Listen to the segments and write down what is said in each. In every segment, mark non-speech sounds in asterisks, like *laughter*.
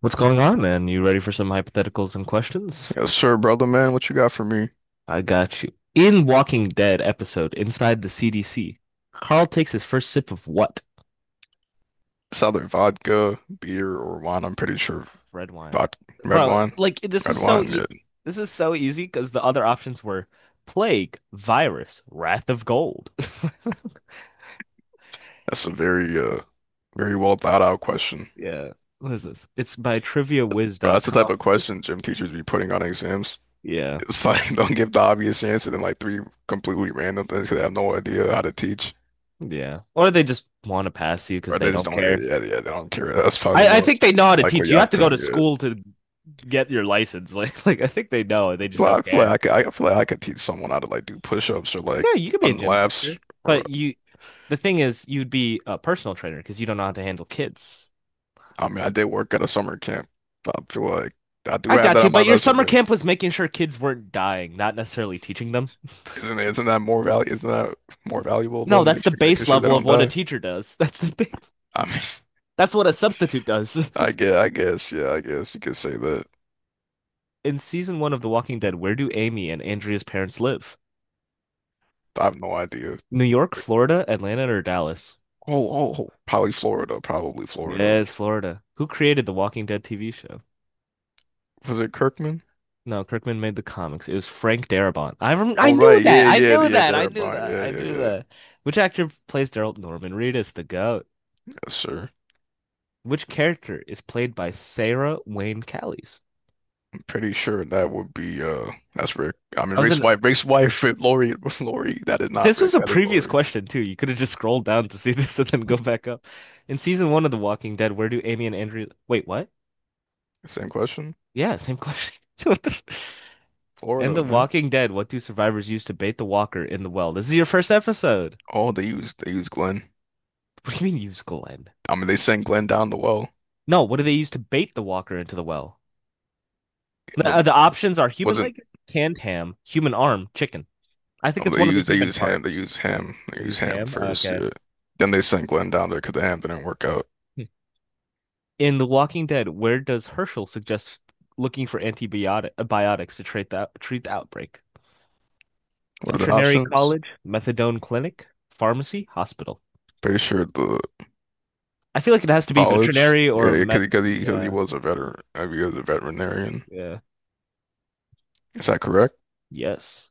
What's going on, man? You ready for some hypotheticals and questions? Yes, sir, brother man. What you got for me? I got you. In Walking Dead episode, Inside the CDC, Carl takes his first sip of what? It's either vodka, beer, or wine. I'm pretty sure Red wine. vodka, red Bro, wine. like Red wine, yeah. this was so easy because the other options were plague, virus, wrath of gold. *laughs* That's a very very well thought out question. Yeah. What is this? It's by trivia wiz But dot that's the type com. of question gym teachers be putting on exams. Yeah. It's like *laughs* don't give the obvious answer then like three completely random things 'cause they have no idea how to teach. Yeah. Or they just want to pass you because Or they they just don't don't yeah, care. yeah, yeah, they don't care. That's probably the I more think they know how to teach. likely You have to go outcome, to yeah. school to get your license. *laughs* Like I think they know they just Well, don't care. I feel like I could teach someone how to like do push-ups or like Yeah, you could be a run gym laps teacher, or the thing is, you'd be a personal trainer because you don't know how to handle kids. I mean, I did work at a summer camp. I feel like I do I have got that you, on my but your summer resume. camp was making sure kids weren't dying, not necessarily teaching them. Isn't that more value? Isn't that more valuable No, though? that's Make the sure Making base sure they level of don't what a die. teacher does. *laughs* That's the base. I mean, That's what a substitute does. *laughs* Yeah, I guess you could say that. *laughs* In season 1 of The Walking Dead, where do Amy and Andrea's parents live? I have no idea. New York, Florida, Atlanta, or Dallas? Oh, probably Florida, Yes, Florida. Who created The Walking Dead TV show? Was it Kirkman? No, Kirkman made the comics. It was Frank Darabont. I Oh, knew right, that. yeah, I yeah, knew yeah, that. I there knew about, that. yeah, I yeah, knew yeah, that. Which actor plays Daryl Norman Reedus, the goat? yes, sir. Which character is played by Sarah Wayne Callies? I'm pretty sure that would be that's Rick. I That mean, was an Rick's wife, *laughs* Lori, Lori. That is not This was Rick. a That is previous Lori. question too. You could have just scrolled down to see *laughs* this and then go back up. In season one of The Walking Dead, where do Amy and Andrew wait, what? Same question. Yeah, same question. *laughs* What the... In Florida, The man. Walking Dead, what do survivors use to bait the walker in the well? This is your first episode. Oh, they used Glenn. What do you mean use Glenn? I mean, they sent Glenn down the well. No, what do they use to bait the walker into the well? The- The options are human wasn't leg, canned ham, human arm, chicken. I think Oh, it's one of the they human used Ham. They parts. used Ham. They They used use Ham ham. first. Okay. Yeah. Then they sent Glenn down there because the Ham didn't work out. In The Walking Dead, where does Herschel suggest looking for antibiotic to treat the outbreak? What are the Veterinary options? college, methadone clinic, pharmacy, hospital. Pretty sure the I feel like it has to be college. veterinary Yeah, or because meth. because he because he Yeah. was a veteran. I mean, he was a veterinarian. Yeah. Is that correct? Yes.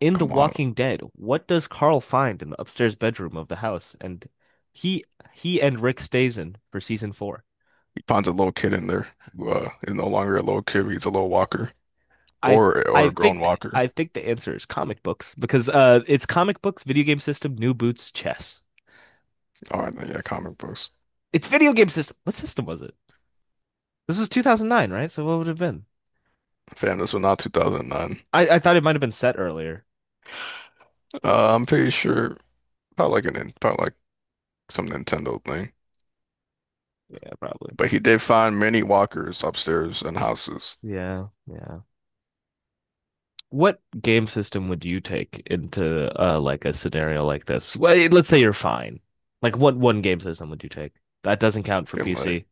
In The Come on. Walking Dead, what does Carl find in the upstairs bedroom of the house? And he he and Rick stays in for season 4. He finds a little kid in there who is no longer a little kid, but he's a little walker I or a grown walker. I think the answer is comic books because it's comic books, video game system, new boots, chess. All right, then, yeah, comic books. It's video game system. What system was it? This was 2009, right? So what would it have been? Fam, this was not 2009. I thought it might have been set earlier. I'm pretty sure. Probably like some Nintendo thing. Yeah, probably. But he did find many walkers upstairs in houses. Yeah, yeah. What game system would you take into like a scenario like this? Well, let's say you're fine. Like what one game system would you take? That doesn't count I for feel like PC.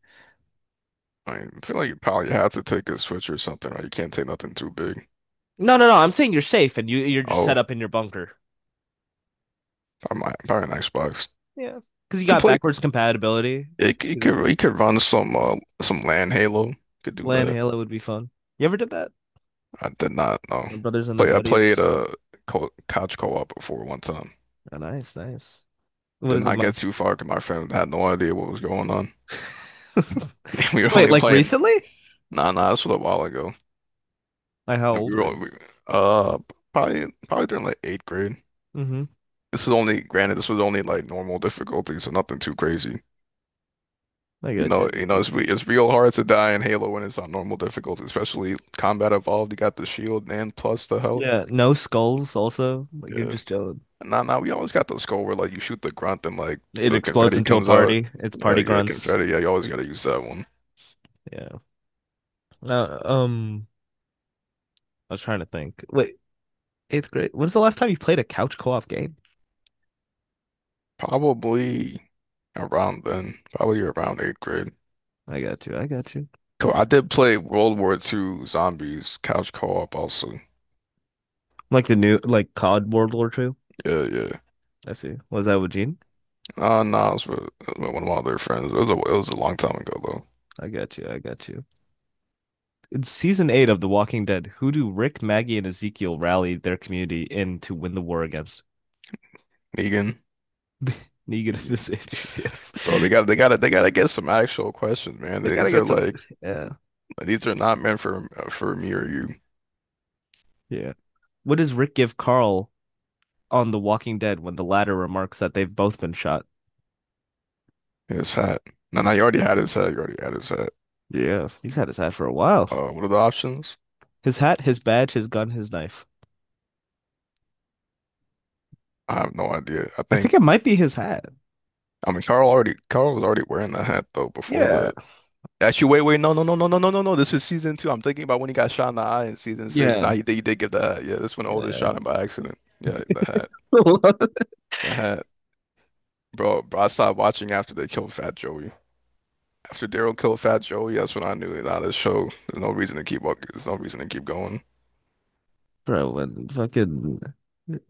I mean, I feel like you probably have to take a Switch or something, right? You can't take nothing too big. No, no, no. I'm saying you're safe and you're just set Oh, up in your bunker. probably, probably an Xbox. Yeah. Because You you could got play. backwards compatibility. It could run some LAN Halo. Could do Land that. Halo would be fun. You ever did that? I did not know. My brothers and the Play I played buddies. Co couch co-op before one time. Oh, nice, nice. What Did is it, not Ma? get too far because my friend had no idea what was going on. *laughs* *laughs* We were Wait, only like playing. recently? Nah, nah, this was a while ago. Like how And we old were are all- you? we- uh probably probably during like eighth grade. Mm-hmm. This was only granted this was only like normal difficulty, so nothing too crazy. I You got you. I know, you got know you. It's real hard to die in Halo when it's on normal difficulty, especially combat evolved. You got the shield and plus the health. Yeah, no skulls also. Like you're Yeah. just chilling. Nah, nah, we always got the skull where like you shoot the grunt and like It the explodes confetti into a comes out. party. It's Yeah, party like, yeah, grunts. confetti. Yeah, you always gotta use that one. Yeah. Uh, um, I was trying to think. Wait, eighth grade. When's the last time you played a couch co-op game? Probably around then, probably around eighth grade. I got you. I got you. Cool. I did play World War Two Zombies couch co-op also. Like the new, like COD World War Two. Yeah, yeah. I see. Was that with Gene? No, it was with one of my other friends. It was a long time ago I got you. I got you. In season 8 of The Walking Dead, who do Rick, Maggie, and Ezekiel rally their community in to win the war against? though. Negan, Negan and the Negan. Saviors. Yes. Bro, *laughs* they got to get some actual questions, man. They gotta These are get some. like Yeah. these are not meant for me or you. Yeah. What does Rick give Carl on The Walking Dead when the latter remarks that they've both been shot? His hat. No, no, you already had his hat. You already had his hat. Yeah, he's had his hat for a while. What are the options? His hat, his badge, his gun, his knife. I have no idea. I I think think it might be his hat. I mean Carl was already wearing the hat though before Yeah, the. Actually, wait, wait, no, no, no, no, no, no, no, no. This is season two. I'm thinking about when he got shot in the eye in season six. yeah, Nah, he did give the hat. Yeah, this one Oda yeah. shot him by accident. Yeah, the hat. *laughs* I had, bro, I stopped watching after they killed Fat Joey. After Daryl killed Fat Joey, that's when I knew, nah, this show, there's no reason to keep walking. There's no reason to keep going. *laughs* Bro, when fucking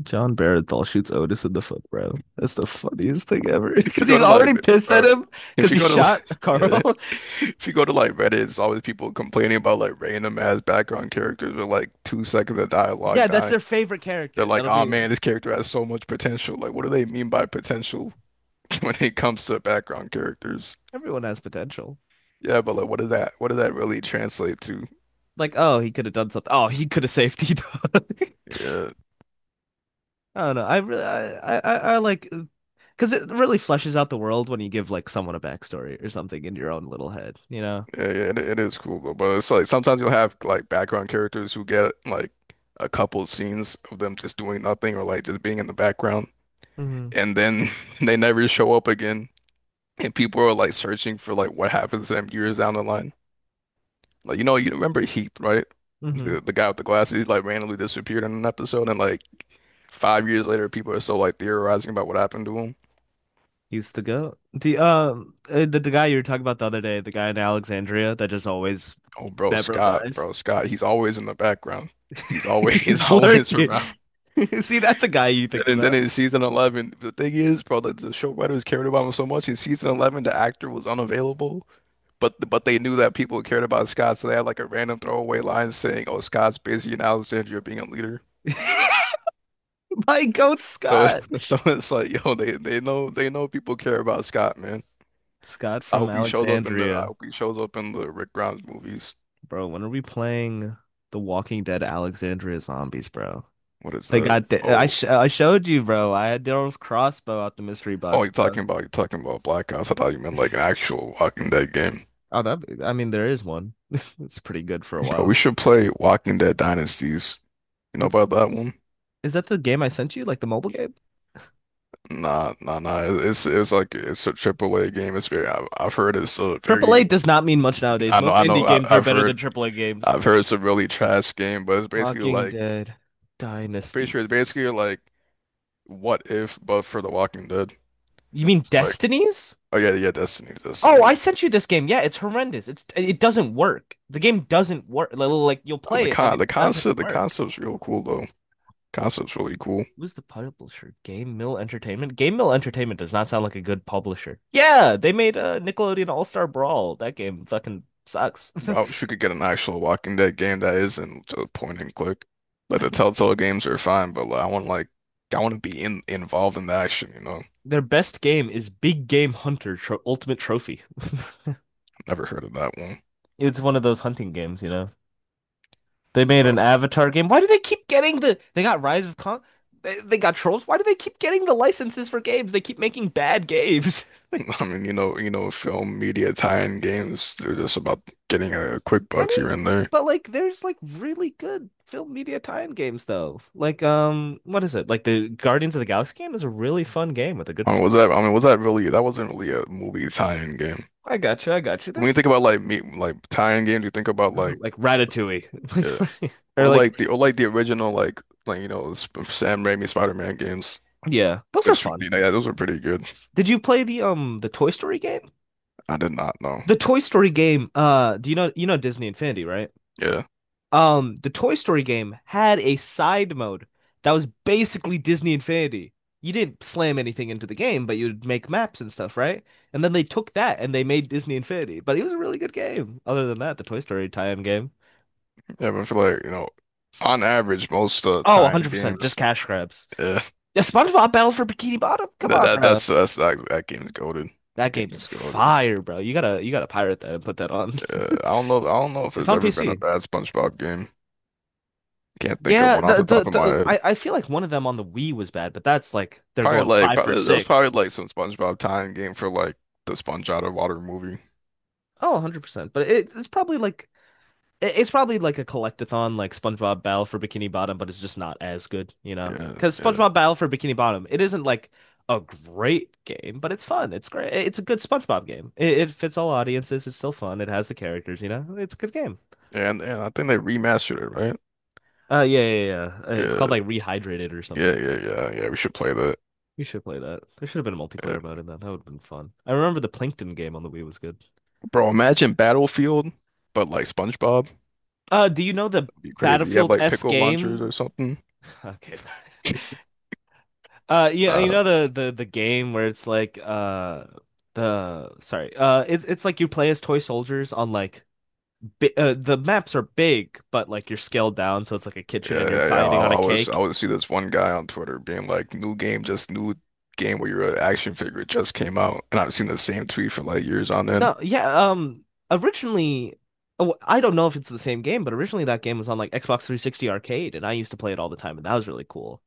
John Barenthal shoots Otis in the foot, bro. That's the funniest thing ever. *laughs* If you Because go he's to like, already pissed at bro, him if because you he go to shot like, *laughs* yeah, Carl. *laughs* if you go to like Reddit, it's always people complaining about like random ass background characters with like 2 seconds of dialogue Yeah, that's their dying. favorite They're character. like, That'll oh be man, this character has so much potential. Like, what do they mean by potential *laughs* when it comes to background characters? Everyone has potential. Yeah, but like, what does that really translate to? Like, oh, he could have done something. Oh, he could have safety. Done. *laughs* Yeah. I don't know. I really, I like, Because it really fleshes out the world when you give like someone a backstory or something in your own little head, you know? Yeah, yeah, it is cool though. But it's like sometimes you'll have like background characters who get like a couple scenes of them just doing nothing or like just being in the background, Hmm. and then *laughs* they never show up again. And people are like searching for like what happens to them years down the line. Like you know, you remember Heath, right? Hmm. The guy with the glasses he, like randomly disappeared in an episode, and like 5 years later, people are still like theorizing about what happened to him. He's the goat. The guy you were talking about the other day, the guy in Alexandria that just always Oh, never dies. bro, Scott, he's always in the background. He's always *laughs* *laughs* he's He's always lurking. around. *laughs* See, that's a guy you think And about. then in season 11, the thing is, bro, like the show writers cared about him so much. In season 11, the actor was unavailable, but they knew that people cared about Scott, so they had like a random throwaway line saying, "Oh, Scott's busy in Alexandria being a leader." *laughs* My goat So Scott. *laughs* so it's like, yo, they know people care about Scott, man. Scott I from hope he shows up in the I Alexandria. hope he shows up in the Rick Grimes movies. Bro, when are we playing The Walking Dead Alexandria Zombies, bro? What is They that? got the, Oh, I showed you, bro. I had Daryl's crossbow out the mystery box, bro. You're talking about Black Ops. I thought you meant like an actual Walking Dead game, Oh, that I mean, there is one. *laughs* It's pretty good for a bro. while. We should play Walking Dead Dynasties. You know What's about that one? Is that the game I sent you? Like the mobile game? Nah, nah, nah. It's like it's a triple A game. It's very. I've heard it's a Triple very. A does not mean much nowadays. I know. Most I indie know. Games are I've better than heard. triple A games. I've heard it's a really trash game, but it's basically Walking like. Dead, I'm pretty sure it's Dynasties. basically like what if, but for The Walking Dead. You mean It's like, Destinies? oh yeah, yeah, Destiny, Oh, Destiny. I sent you this game. Yeah, it's horrendous. It doesn't work. The game doesn't work. You'll play it and it The doesn't concept, the work. concept's real cool though. Concept's really cool. Who's the publisher? Game Mill Entertainment? Game Mill Entertainment does not sound like a good publisher. Yeah, they made Nickelodeon All-Star Brawl. That game fucking sucks. Bro, I wish we could get an actual Walking Dead game that isn't just point and click. Like the Telltale games are fine, but like, I want to be in involved in the action. You know, *laughs* Their best game is Big Game Hunter Tro Ultimate Trophy. *laughs* never heard of that one. It's one of those hunting games, you know. They made an Avatar game. Why do they keep getting the? They got Rise of Kong. They got Trolls. Why do they keep getting the licenses for games? They keep making bad games. *laughs* Like, *laughs* I mean, you know, film media tie-in games, they're just about getting a quick I buck mean, here and there. but like there's like really good film media tie-in games though. Like what is it? Like the Guardians of the Galaxy game is a really fun game with a good story. I mean, was that really, that wasn't really a movie tie-in game. I got you. I got you. When you think about like me, like tie-in games, you think about like, Like s- Ratatouille. *laughs* yeah, Like or like or like the original, like, you know, Sam Raimi Spider-Man games, yeah, those are which, fun. you know, yeah, those were pretty good. Did you play the Toy Story game? I did not know. The Toy Story game, do you know Disney Infinity, right? Yeah. The Toy Story game had a side mode that was basically Disney Infinity. You didn't slam anything into the game, but you'd make maps and stuff, right? And then they took that and they made Disney Infinity. But it was a really good game. Other than that, the Toy Story tie-in game. Yeah. But I feel like, you know, on average, most Oh, tie-in 100%, just games, cash grabs. yeah, Yeah, SpongeBob Battle for Bikini Bottom. Come on, bro. That game's goated. That That game game's is goated. fire, bro. You gotta pirate that and put that on. *laughs* I don't know. I don't know if It's there's on ever been a PC. bad SpongeBob game. Can't think of Yeah, one off the top of my the head. I feel like one of them on the Wii was bad, but that's like they're going five for Probably that was probably six. like some SpongeBob tie-in game for like the Sponge Out of Water movie. Oh, 100%. But it, it's probably like it- It's probably like a collectathon like SpongeBob Battle for Bikini Bottom, but it's just not as good, you know? Yeah, Because yeah, SpongeBob Battle for Bikini Bottom, it isn't like a great game, but it's fun. It's great. It's a good SpongeBob game. It fits all audiences. It's still fun. It has the characters, you know? It's a good game. And I think they remastered it, right? Yeah. It's Yeah, called like Rehydrated or yeah, something. yeah, yeah, yeah. We should play that. We should play that. There should have been a Yeah. multiplayer mode in that. That would have been fun. I remember the Plankton game on the Wii was good. Bro, imagine Battlefield, but like SpongeBob. That'd Do you know the be crazy. You have Battlefield like S pickle launchers game? or *laughs* something. Okay. *laughs* Yeah, you Uh, know the game where it's like the sorry it's like you play as toy soldiers on like bi the maps are big but like you're scaled down so it's like a kitchen and Yeah, you're yeah, yeah. Fighting on I a always cake. See this one guy on Twitter being like, "New game, just new game where you're an action figure it just came out," and I've seen the same tweet for like years on end. No, yeah, originally oh, I don't know if it's the same game but originally that game was on like Xbox 360 Arcade and I used to play it all the time and that was really cool.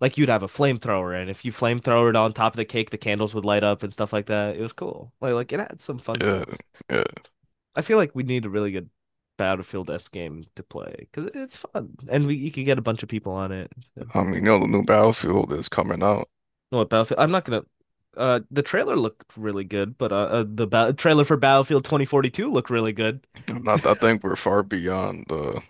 Like you'd have a flamethrower and if you flamethrower it on top of the cake the candles would light up and stuff like that. It was cool. It had some fun Yeah, stuff. yeah. I feel like we need a really good Battlefield S game to play because it's fun and we you could get a bunch of people on it. No, I mean, you know, the new Battlefield is coming out. what Battlefield? I'm not gonna. The trailer looked really good, but trailer for Battlefield 2042 looked really good. I'm not, I think we're far beyond the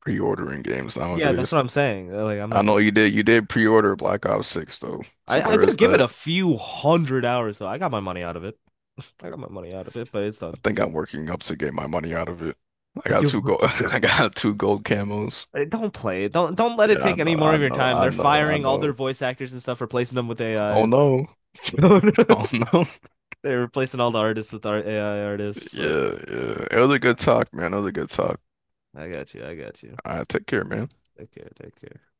pre-ordering games Yeah, that's nowadays. what I'm saying. Like, I'm I not know gonna. You did pre-order Black Ops 6 though, so I there did is give it that. a few 100 hours though. I got my money out of it. *laughs* I got my money out of it, but it's I done. think I'm working up to get my money out of it. I *laughs* got You're two gold, *laughs* working. I got two gold camos. Don't play it. Don't let it Yeah, I take any know, more I of your know, time. I They're know, I firing all their know. voice actors and stuff, replacing them with AI Oh and no. *laughs* stuff. *laughs* Oh no. *laughs* They're replacing all the artists with our AI Yeah, artists. Like, yeah. It was a good talk, man. It was a good talk. I got you. I got you. All right, take care, man. Take care. Take care.